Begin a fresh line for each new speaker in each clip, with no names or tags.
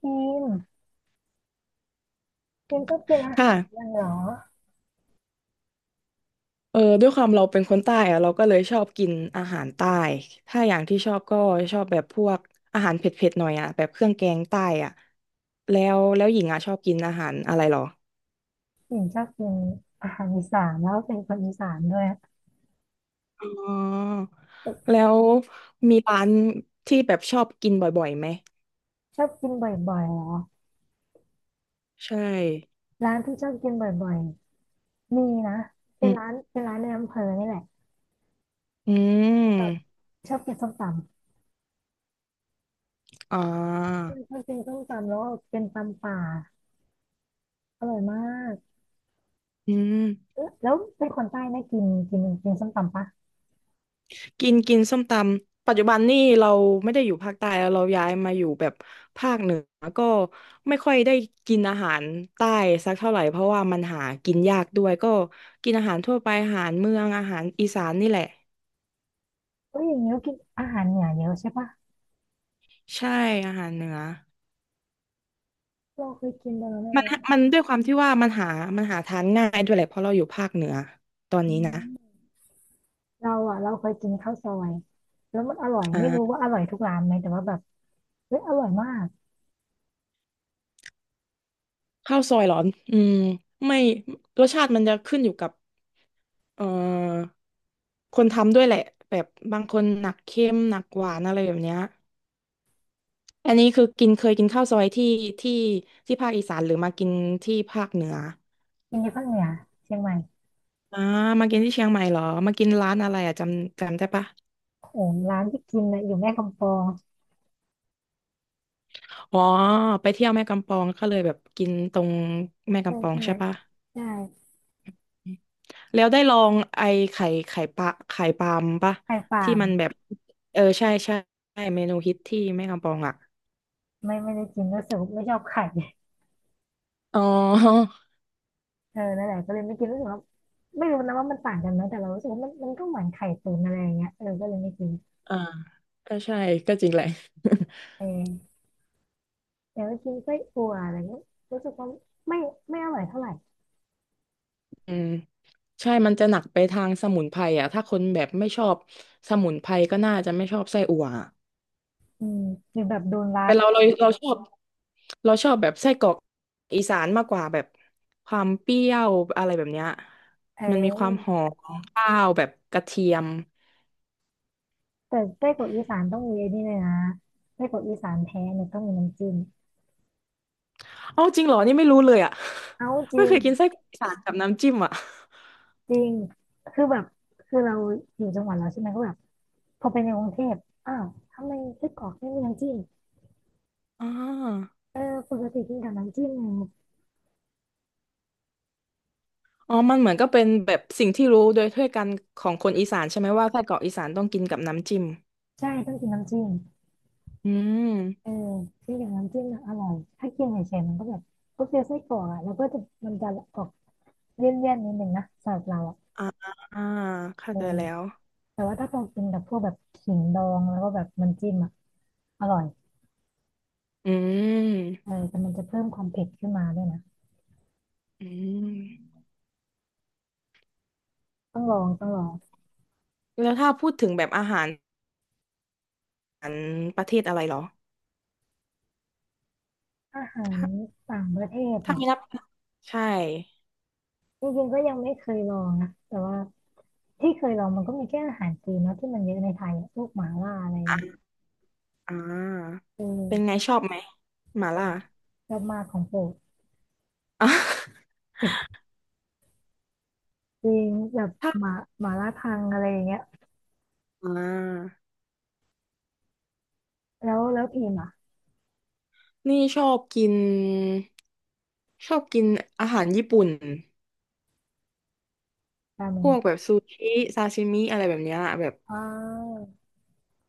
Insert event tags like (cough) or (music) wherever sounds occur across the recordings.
พิมพ์พิมพ์ชอบกินอาหารยั
ค่ะ
งเหรอ
ด้วยความเราเป็นคนใต้อะเราก็เลยชอบกินอาหารใต้ถ้าอย่างที่ชอบก็ชอบแบบพวกอาหารเผ็ดๆหน่อยอะแบบเครื่องแกงใต้อะแล้วหญิงอะชอบกินอาหารอะไรหรอ
พิมพ์ชอบกินอาหารอีสานแล้วเป็นคนอีสานด้วย
อ๋อแล้วมีร้านที่แบบชอบกินบ่อยๆไหม
ชอบกินบ่อยๆเหรอ
ใช่
ร้านที่ชอบกินบ่อยๆมีนะเป็
อื
น
ม
ร้านในอำเภอนี่แหละ
อื
แบบ
ม
ชอบกินส้มตำ
อ่า
พิมพ์ชอบกินส้มตำแล้วเป็นตำป่าอร่อยมาก
อืม
เอ๊ะแล้วเป็นคนใต้ไหมกินกินกินส้มตำปะ
กินกินส้มตำปัจจุบันนี่เราไม่ได้อยู่ภาคใต้แล้วเราย้ายมาอยู่แบบภาคเหนือก็ไม่ค่อยได้กินอาหารใต้สักเท่าไหร่เพราะว่ามันหากินยากด้วยก็กินอาหารทั่วไปอาหารเมืองอาหารอีสานนี่แหละ
เอ้ยอย่างนี้ก็กินอาหารเหนือเยอะใช่ปะ
ใช่อาหารเหนือ
เราเคยกินไปแล้วไม่
มัน
เป็นไ
ด้วยความที่ว่ามันหาหาทานง่ายด้วยแหละเพราะเราอยู่ภาคเหนือตอนนี้นะ
ร เราอ่ะเราเคยกินข้าวซอยแล้วมันอร่อย
อ่า
ไม่รู้ว่าอร่อยทุกร้านไหมแต่ว่าแบบเฮ้ยอร่อยมาก
ข้าวซอยเหรออืมไม่รสชาติมันจะขึ้นอยู่กับเอ่อ คนทำด้วยแหละแบบบางคนหนักเค็มหนักหวานอะไรแบบเนี้ยอันนี้คือกินเคยกินข้าวซอยที่ที่ภาคอีสานหรือมากินที่ภาคเหนือ
กินที่ภาคเหนือเชียงใหม่
อ่ามากินที่เชียงใหม่เหรอมากินร้านอะไรอ่ะจำได้ปะ
โอ้โหร้านที่กินน่ะอยู่แม่กำปอง
อ๋อไปเที่ยวแม่กำปองก็เลยแบบกินตรงแม่
ใช่
กำปอง
ใช่
ใช่ปะ
ใช่
แล้วได้ลองไอไข่ปลาไข่ปลามปะ
ไข่ฟา
ที่
ม
มันแบบเออใช่ใช่ใช่เมนูฮิตที่แม่กำปองอ่ะ
ไม่ได้กินรู้สึกว่าไม่ชอบไข่
อ๋อ
เออนั่นแหละก็เลยไม่กินรู้สึกว่าไม่รู้นะว่ามันต่างกันไหมแต่เรารู้สึกว่ามันก็เหมือนไข่ตุ๋นอะไรอย่างเงี้ยเออก็เลยไม่กิน
(laughs) อ่าก็ใช่ก็จริงแหละ
เออแต่ว่ากินไส้อั่วอะไรเงี้ยรู้สึกว่าไม่ไม่อร่อยเท่าไหร่
(laughs) อืม ใช่มันจะหนักไปทางสมุนไพรอ่ะถ้าคนแบบไม่ชอบสมุนไพรก็น่าจะไม่ชอบไส้อั่วอะ
อืมหรือแบบโดนร้า
แต่
น
เราชอบเราชอบแบบไส้กรอกอีสานมากกว่าแบบความเปรี้ยวอะไรแบบเนี้ย
เ
มันมีความ
ออ
หอมของข้าวแบบกระเทียม
แต่ไส้กรอกอีสานต้องมีไอ้นี่เลยนะไส้กรอกอีสานแท้เนี่ยต้องมีน้ำจิ้ม
อ๋อจริงเหรอ นี่ไม่รู้เลยอ่ะ
เอาจ
(laughs) ไม่
ริ
เค
ง
ยกินไส้กรอกอีสานกับน้ำจิ้มอ่ะ
จริงคือแบบคือเราอยู่จังหวัดเราใช่ไหมก็แบบพอไปในกรุงเทพอ้าวทำไมไส้กรอกไม่มีน้ำจิ้ม
(laughs) อ๋อ
เออปกติกินกับน้ำจิ้มไง
มันเหมือนก็เป็นแบบสิ่งที่รู้โดยทั่วกันของคนอีสานใช่ไหมว่าไส้กรอกอีสานต้องกินกับน้ำจิ้ม
ใช่ต้องกินน้ำจิ้ม
อื
เออ
ม
กินกับน้ำจิ้มน่ะอร่อยถ้ากินเฉยๆมันก็แบบก็คือไส้กรอกอ่ะแล้วก็จะมันจะออกเลี่ยนๆนิดนึงนะสำหรับเราอ่ะ
อ่าอ่าเข้า
เออ
ใจแล้ว
แต่ว่าถ้าเรากินกับพวกแบบขิงดองแล้วก็แบบน้ำจิ้มอ่ะอร่อย
อื
เอ
ม
อแต่มันจะเพิ่มความเผ็ดขึ้นมาด้วยนะ
อืม
ต้องลอง
แล้วถ้าพูดถึงแบบอาหารประเทศอะไรเหรอ
อาหาร
ถ้า
ต่างประเทศอ่ะ
ไม่นับใช่
จริงๆก็ยังไม่เคยลองนะแต่ว่าที่เคยลองมันก็มีแค่อาหารจีนเนาะที่มันเยอะในไทยอะพวกหม่าล่าอะไร
อ่า
เ
เป็นไง
ออ
ชอบไหมหม่าล่า (laughs)
ชอบมากของโปรด
อ่ะ
(laughs) จริงแบบ
ถ้า
หมาหมาล่าทังอะไรอย่างเงี้ย
อ่า
แล้วพิมพ์อ่ะ
นี่ชอบกินอาหารญี่ปุ่น
ราเม
พ
ง
วกแบบซูชิซาชิมิอะไรแบบเนี้ยแบบ
อ้าว
เ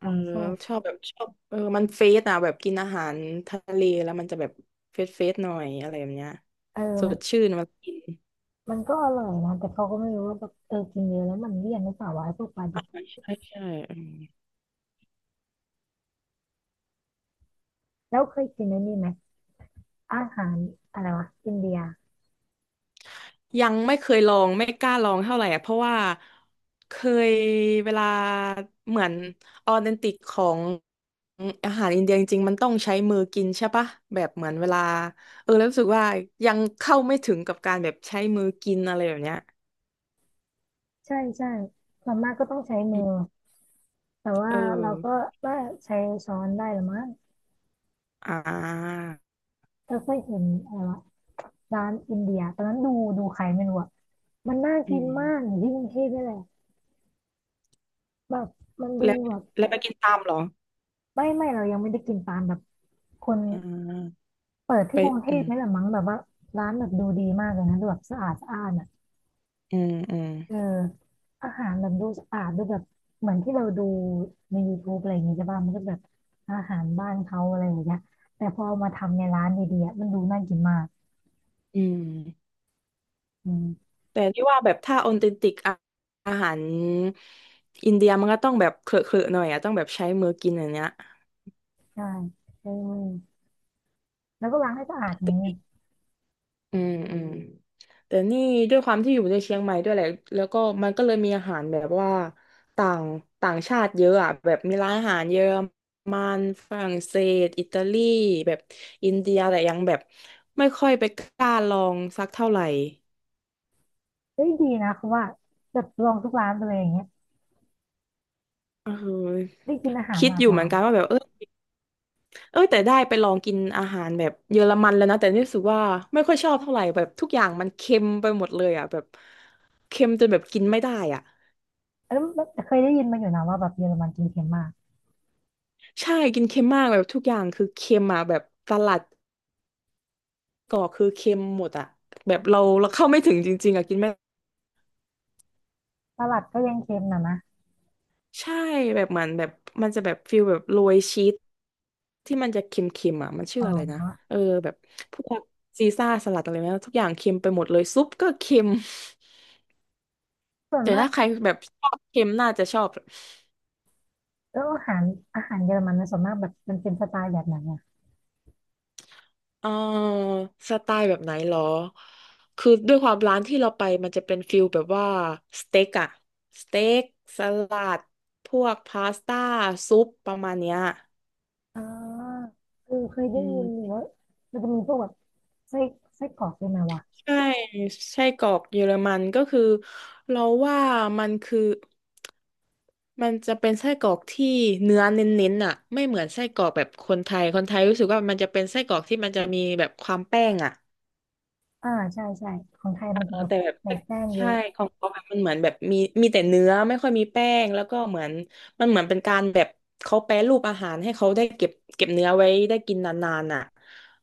ข
อ
อ
อ
งสด
ชอบแบบชอบมันเฟสอ่ะแบบกินอาหารทะเลแล้วมันจะแบบเฟสหน่อยอะไรแบบเนี้ย
เออ
ส
มัน
ดชื่นมากิน
มันก็อร่อยนะแต่เขาก็ไม่รู้ว่าแบบเออกินเยอะแล้วมันเลี่ยนหรือเปล่าวะไอ้พวกปลาดิบ
ใช่ใช่อืม
แล้วเคยกินไอ้นี่ไหมอาหารอะไรวะอินเดีย
ยังไม่เคยลองไม่กล้าลองเท่าไหร่อะเพราะว่าเคยเวลาเหมือนออเทนติกของอาหารอินเดียจริงๆมันต้องใช้มือกินใช่ปะแบบเหมือนเวลาแล้วรู้สึกว่ายังเข้าไม่ถึงกับการแบบใช้มือกินอะไรแบบเนี้ย
ใช่ใช่ส่วนมากก็ต้องใช้มือ แต่
เอ
ว่า
อ
เราก็ว่าใช้ช้อนได้หรือมั้ง
อ่า
เราเคยเห็นอะไรวะร้านอินเดียตอนนั้นดูดูใครไม่รู้อะมันน่า
อื
กิน
ม
มากอยู่ที่กรุงเทพนี่แหละแบบมันดู
แล้ว
แบบ
แล้วไปกินตามเหรอ
ไม่เรายังไม่ได้กินตามแบบคน
อ่า
เปิด
ไป
ที่กรุงเท
อื
พ
ม
นี่แหละมั้งแบบว่าร้านแบบดูดีมากเลยนะดูแบบสะอาดสะอาดอะ
อืมอืม
เอออาหารแบบดูสะอาดดูแบบเหมือนที่เราดูใน YouTube อะไรอย่างเงี้ยใช่ป่ะมันก็แบบอาหารบ้านเขาอะไรอย่างเงี้ยแต่พอเอามาทำในร้านดีๆอะมันดูน่ากินมาก
อืม
อืม
แต่ที่ว่าแบบถ้าออเทนติกอาอาหารอินเดียมันก็ต้องแบบเคลอะหน่อยอะต้องแบบใช้มือกินอย่างเนี้ย
ใช่ใช่มือแล้วก็ล้างให้สะอาดไง
อืมอืมแต่นี่ด้วยความที่อยู่ในเชียงใหม่ด้วยแหละแล้วก็มันก็เลยมีอาหารแบบว่าต่างต่างชาติเยอะอ่ะแบบมีร้านอาหารเยอรมันฝรั่งเศสอิตาลีแบบอินเดียแต่ยังแบบไม่ค่อยไปกล้าลองสักเท่าไหร่
เฮ้ยดีนะคือว่าแบบลองทุกร้านไปเลยอย่างเงี้ย
เออ
ได้กินอาหาร
คิด
หลา
อ
ก
ยู่
ห
เหมือ
ลา
น
ย
กันว่าแบบเออเออแต่ได้ไปลองกินอาหารแบบเยอรมันแล้วนะแต่รู้สึกว่าไม่ค่อยชอบเท่าไหร่แบบทุกอย่างมันเค็มไปหมดเลยอ่ะแบบเค็มจนแบบกินไม่ได้อ่ะ
เออแล้เคยได้ยินมาอยู่นะว่าแบบเยอรมันกินเค็มมาก
ใช่กินเค็มมากแบบทุกอย่างคือเค็มอ่ะแบบสลัดก็คือเค็มหมดอ่ะแบบเราเข้าไม่ถึงจริงๆอ่ะกินไม่
สลัดก็ยังเค็มนะนะ
ใช่แบบเหมือนแบบมันจะแบบฟิลแบบโรยชีสที่มันจะเค็มๆอ่ะมันชื่
อ๋
ออะไรนะ
อ
เออแบบพวกซีซ่าสลัดอะไรนะทุกอย่างเค็มไปหมดเลยซุปก็เค็ม
ส่วน
แต่
มาก
ถ้าใครแบบชอบเค็มน่าจะชอบ
แล้วอาหารเยอรมันนะส่วนมากแบบมันเป็นสไตล์แบบไหนอ่ะ
เออสไตล์แบบไหนหรอคือด้วยความร้านที่เราไปมันจะเป็นฟิลแบบว่าสเต็กอะสเต็กสลัดพวกพาสต้าซุปประมาณเนี้ย
อ่าเออเคย
อื
ได้ยินอยู่
ม
ว่ามันจะมีพวกแบบไส้ไส้กรอกด้วยไหมวะ
ใช่ไส้กรอกเยอรมันก็คือเราว่ามันคือมันจะเป็นไส้กรอกที่เนื้อเน้นๆอ่ะไม่เหมือนไส้กรอกแบบคนไทยคนไทยรู้สึกว่ามันจะเป็นไส้กรอกที่มันจะมีแบบความแป้งอ่ะ
อ่าใช่ใช่ของไทยมันจะแบบ
แต่แบบ
ใส่แป้งเย
ใช่
อะ
ของเขาแบบมันเหมือนแบบมีแต่เนื้อไม่ค่อยมีแป้งแล้วก็เหมือนมันเหมือนเป็นการแบบเขาแปรรูปอาหารให้เขาได้เก็บเก็บเนื้อไว้ได้กินนานๆอ่ะ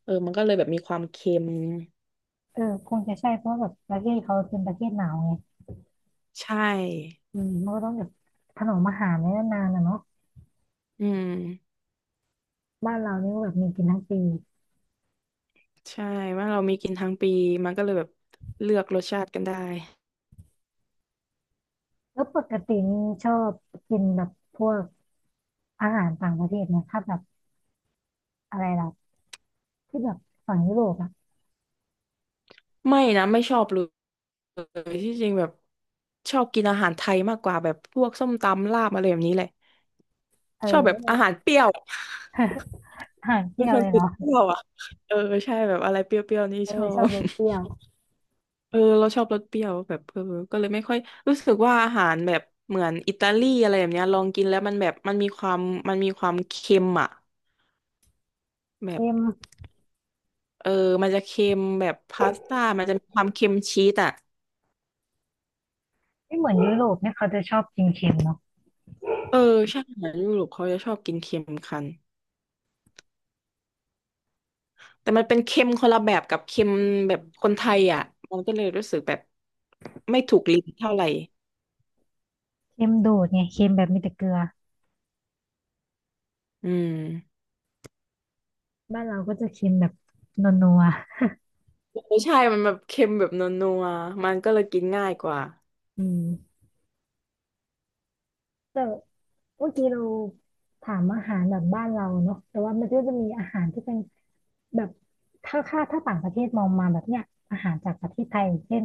มันก็เลยแบบมีความเค็ม
เออคงจะใช่เพราะว่าแบบประเทศเขาเป็นประเทศหนาวไง
ใช่
อืมมันก็ต้องแบบถนอมอาหารไว้นานๆนะเนาะ
อืม
บ้านเรานี่ก็แบบมีกินทั้งปี
ใช่ว่าเรามีกินทั้งปีมันก็เลยแบบเลือกรสชาติกันได้
แล้วปกตินี่ชอบกินแบบพวกอาหารต่างประเทศนะถ้าแบบอะไรล่ะที่แบบฝั่งยุโรปอะ
ไม่นะไม่ชอบเลยที่จริงแบบชอบกินอาหารไทยมากกว่าแบบพวกส้มตำลาบอะไรแบบนี้เลย
เอ
ชอบแบบอาหา
อ
รเปรี้ยว
(laughs) อาหารเป
เป็
รี้
น
ยว
คน
เลย
ติด
เนาะ
เปรี้ยวอ่ะเออใช่แบบอะไรเปรี้ยวๆนี่
เอ
ช
อ
อ
ชอบ
บ
รสเปรี้ยว
(laughs) เราชอบรสเปรี้ยวแบบก็เลยไม่ค่อยรู้สึกว่าอาหารแบบเหมือนอิตาลีอะไรแบบเนี้ยลองกินแล้วมันแบบมันมีความเค็มอ่ะแบบ
เค็ม
เออมันจะเค็มแบบพาสต้ามันจะมีความเค็มชีสอ่ะ
ไม่เหมือนยุโรปเนี่ยเขาจะชอบกินเค็มเนาะ
เออใช่อาหารยุโรปเขาจะชอบกินเค็มกันแต่มันเป็นเค็มคนละแบบกับเค็มแบบคนไทยอ่ะมันก็เลยรู้สึกแบบไม่ถูกลิ้นเท่าไหร่
เค็มโดดไงเค็มแบบมีแต่เกลือ
อืม
บ้านเราก็จะเค็มแบบนัว
ไม่ใช่มันแบบเค็มแบบนัวๆ มันก็เลยกินง่ายกว่า
ๆอืมแต่เมื่อกี้เราถามอาหารแบบบ้านเราเนาะแต่ว่ามันก็จะมีอาหารที่เป็น แบบถ้าต่างประเทศมองมาแบบเนี้ยอาหารจากประเทศไทยอย่างเช่น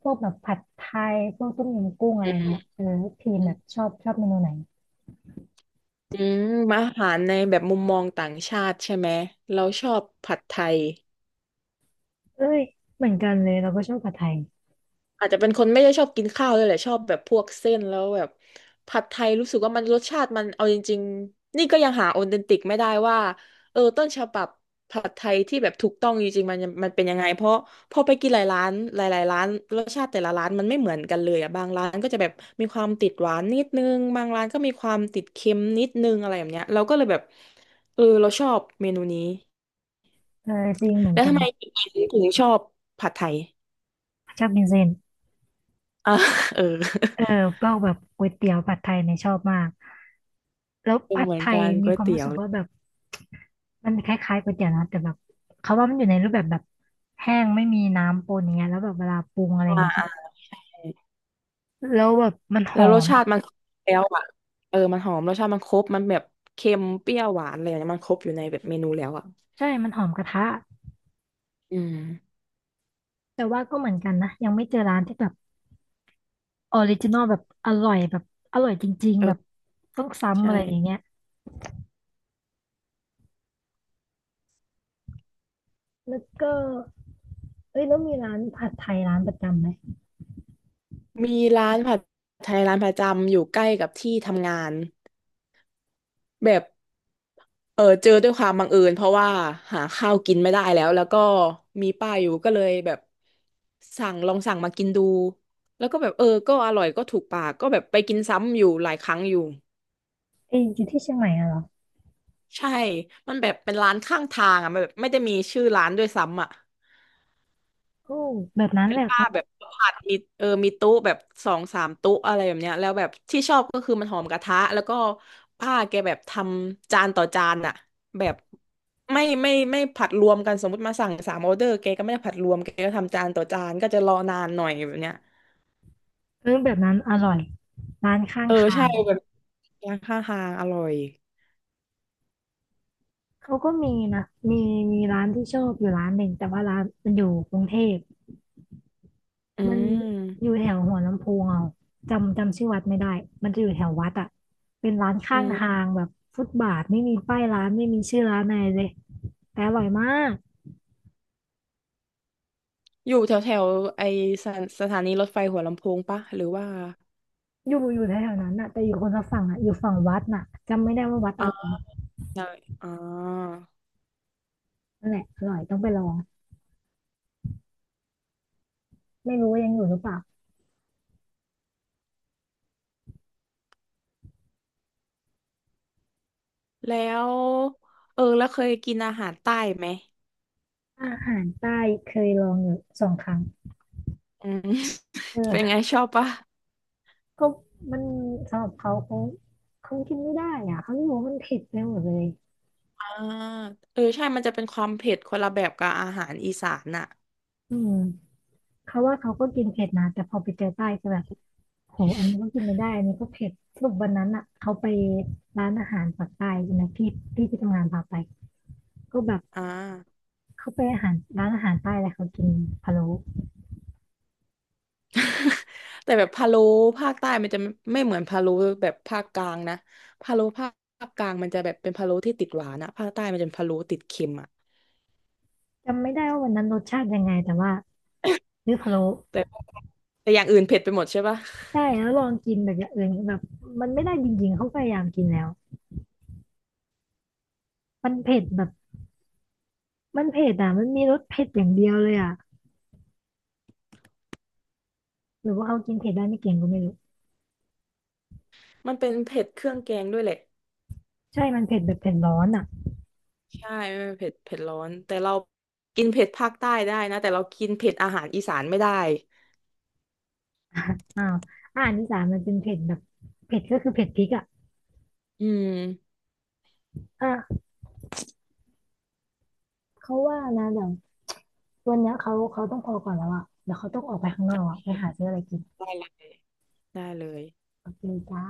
พวกแบบผัดไทยพวกต้มยำกุ้งอะไร
อืม
เงี้ยเออพีมแบบชอบเมนูไหน
อืมอาหารในแบบมุมมองต่างชาติใช่ไหม เราชอบผัดไทย
เอ้ยเหมือนกันเลยเราก็ชอบผัดไทย
อาจจะเป็นคนไม่ได้ชอบกินข้าวเลยแหละชอบแบบพวกเส้นแล้วแบบผัดไทยรู้สึกว่ามันรสชาติมันเอาจริงๆนี่ก็ยังหาออเทนติกไม่ได้ว่าต้นฉบับผัดไทยที่แบบถูกต้องจริงๆมันมันเป็นยังไงเพราะพอไปกินหลายร้านหลายๆร้านรสชาติแต่ละร้านมันไม่เหมือนกันเลยอ่ะบางร้านก็จะแบบมีความติดหวานนิดนึงบางร้านก็มีความติดเค็มนิดนึงอะไรแบบเนี้ยเราก็เลยแบบเราชอบเมนูนี้
เออจริงเหมือน
แล้ว
กั
ทำ
น
ไมถึงชอบผัดไทย (laughs)
ชอบกินเส้น
อ่ะเออ
เออพวกแบบก๋วยเตี๋ยวผัดไทยเนี่ยชอบมากแล้วผัด
เหมือ
ไท
น
ย
กัน
มี
ก๋วย
ความ
เตี๋
รู้
ยว
สึกว่าแบบมันคล้ายๆก๋วยเตี๋ยวนะแต่แบบเขาว่ามันอยู่ในรูปแบบแห้งไม่มีน้ำปนอย่างเงี้ยแล้วแบบเวลาปรุงอะไร
ใช
อย่างงี้ใช่
่
ไหมแล้วแบบมันห
แล้
อ
วรส
ม
ชา
อะ
ติมันครบแล้วอ่ะมันหอมรสชาติมันครบมันแบบเค็มเปรี้ยวหวานอะไรอย่างเงี้ยมันครบอยู่ในแบบเมนูแล้วอ่ะ
ใช่มันหอมกระทะ
อืม
แต่ว่าก็เหมือนกันนะยังไม่เจอร้านที่แบบออริจินอลแบบอร่อยแบบอร่อยจริง
เอ
ๆแบ
อ
บต้องซ้ำ
ใช่
อะไรอย่างเงี้ยแล้วก็เอ้ยแล้วมีร้านผัดไทยร้านประจำไหม
มีร้านผัดไทยร้านประจำอยู่ใกล้กับที่ทำงานแบบเจอด้วยความบังเอิญเพราะว่าหาข้าวกินไม่ได้แล้วแล้วก็มีป้ายอยู่ก็เลยแบบสั่งลองสั่งมากินดูแล้วก็แบบก็อร่อยก็ถูกปากก็แบบไปกินซ้ำอยู่หลายครั้งอยู่
เอ้ยอยู่ที่เชียงใหม่อะเหรอ
ใช่ มันแบบเป็นร้านข้างทางอ่ะมันแบบไม่ได้มีชื่อร้านด้วยซ้ำอ่ะ
โอ้แบบนั้น
เป็
แห
น
ละ
ป้า
เขา
แบบผัดมีมีโตู้แบบสองสามโตู้อะไรแบบเนี้ยแล้วแบบที่ชอบก็คือมันหอมกระทะแล้วก็ป้าแกแบบทำจานต่อจานอ่ะแบบไม่ผัดรวมกันสมมติมาสั่งสามออเดอร์แกก็ไม่ได้ผัดรวมแกก็ทำจานต่อจานก็จะรอนานหน่อยแบบเนี้ย
เออแบบนั้นอร่อยร้านข้างทา
ใช่
ง
แบบร้านข้างทางอร่อย
เขาก็มีนะมีร้านที่ชอบอยู่ร้านหนึ่งแต่ว่าร้านมันอยู่กรุงเทพ
อื
มันอยู่
ม
แถวหัวลำโพงเอาจำชื่อวัดไม่ได้มันจะอยู่แถววัดอ่ะเป็นร้าน
อื
ข้าง
ม
ทางแบบฟุตบาทไม่มีป้ายร้านไม่มีชื่อร้านอะไรเลยแต่อร่อยมาก
อยู่แถวแถวไอสถานสถานีรถไฟหัวลำโพงปะหรือว่า
อยู่แถวๆนั้นน่ะแต่อยู่คนละฝั่งอ่ะอยู่ฝั่งวัดน่ะจำไม่ได้ว่าวัดอะไร
ใช่อ่า
นั่นแหละอร่อยต้องไปลองไม่รู้ว่ายังอยู่หรือเปล่า
แล้วแล้วเคยกินอาหารใต้ไหม
อาหารใต้เคยลองอยู่2 ครั้ง
อืม (laughs) เป็น
เออ
ไงชอบปะ
ก็มันสำหรับเขาเขากินไม่ได้อ่ะเขาไม่รู้ว่ามันเผ็ดไปหมดเลย
อ่าใช่มันจะเป็นความเผ็ดคนละแบบกับอาหารอีสานน่ะ
อืม เขาว่าเขาก็กินเผ็ดนะแต่พอไปเจอใต้จะแบบโหอันนี้ก็กินไม่ได้อันนี้ก็เผ็ดสรุปวันนั้นอ่ะเขาไปร้านอาหารปากใต้ใช่ไหมพี่พี่ที่ทำงานพาไปก็แบบ
อ่า
เขาไปอาหารร้านอาหารใต้แล้วเขากินพะโล้
(laughs) แต่แบบพะโล้ภาคใต้มันจะไม่เหมือนพะโล้แบบภาคกลางนะพะโล้ภาคกลางมันจะแบบเป็นพะโล้ที่ติดหวานอะภาคใต้มันจะเป็นพะโล้ติดเค็มอะ
จำไม่ได้ว่าวันนั้นรสชาติยังไงแต่ว่าเลือกพะโล้
แต่แต่อย่างอื่นเผ็ดไปหมดใช่ปะ
ได้แล้วลองกินแบบอย่างอื่นแบบมันไม่ได้จริงๆเขาพยายามกินแล้วมันเผ็ดแบบมันเผ็ดอ่ะมันมีรสเผ็ดอย่างเดียวเลยอ่ะหรือว่าเขากินเผ็ดได้ไม่เก่งก็ไม่รู้
(laughs) มันเป็นเผ็ดเครื่องแกงด้วยแหละ
ใช่มันเผ็ดแบบเผ็ดร้อนอ่ะ
ใช่ไม่เผ็ดเผ็ดร้อนแต่เรากินเผ็ดภาคใต้ได้นะแต่เรากินเผ็ดอาหารอีสานไม่ได้
อ้าวอาหารอีสานมันเป็นเผ็ดแบบเผ็ดก็คือเผ็ดพริกอ่ะ
อืม
อ่ะเขาว่านะเดี๋ยววันเนี้ยเขาต้องพอก่อนแล้วอ่ะเดี๋ยวเขาต้องออกไปข้างนอก
โอ
อะ
เค
ไปหาซื้ออะไรกิน
ได้เลยได้เลย
โอเคจ้า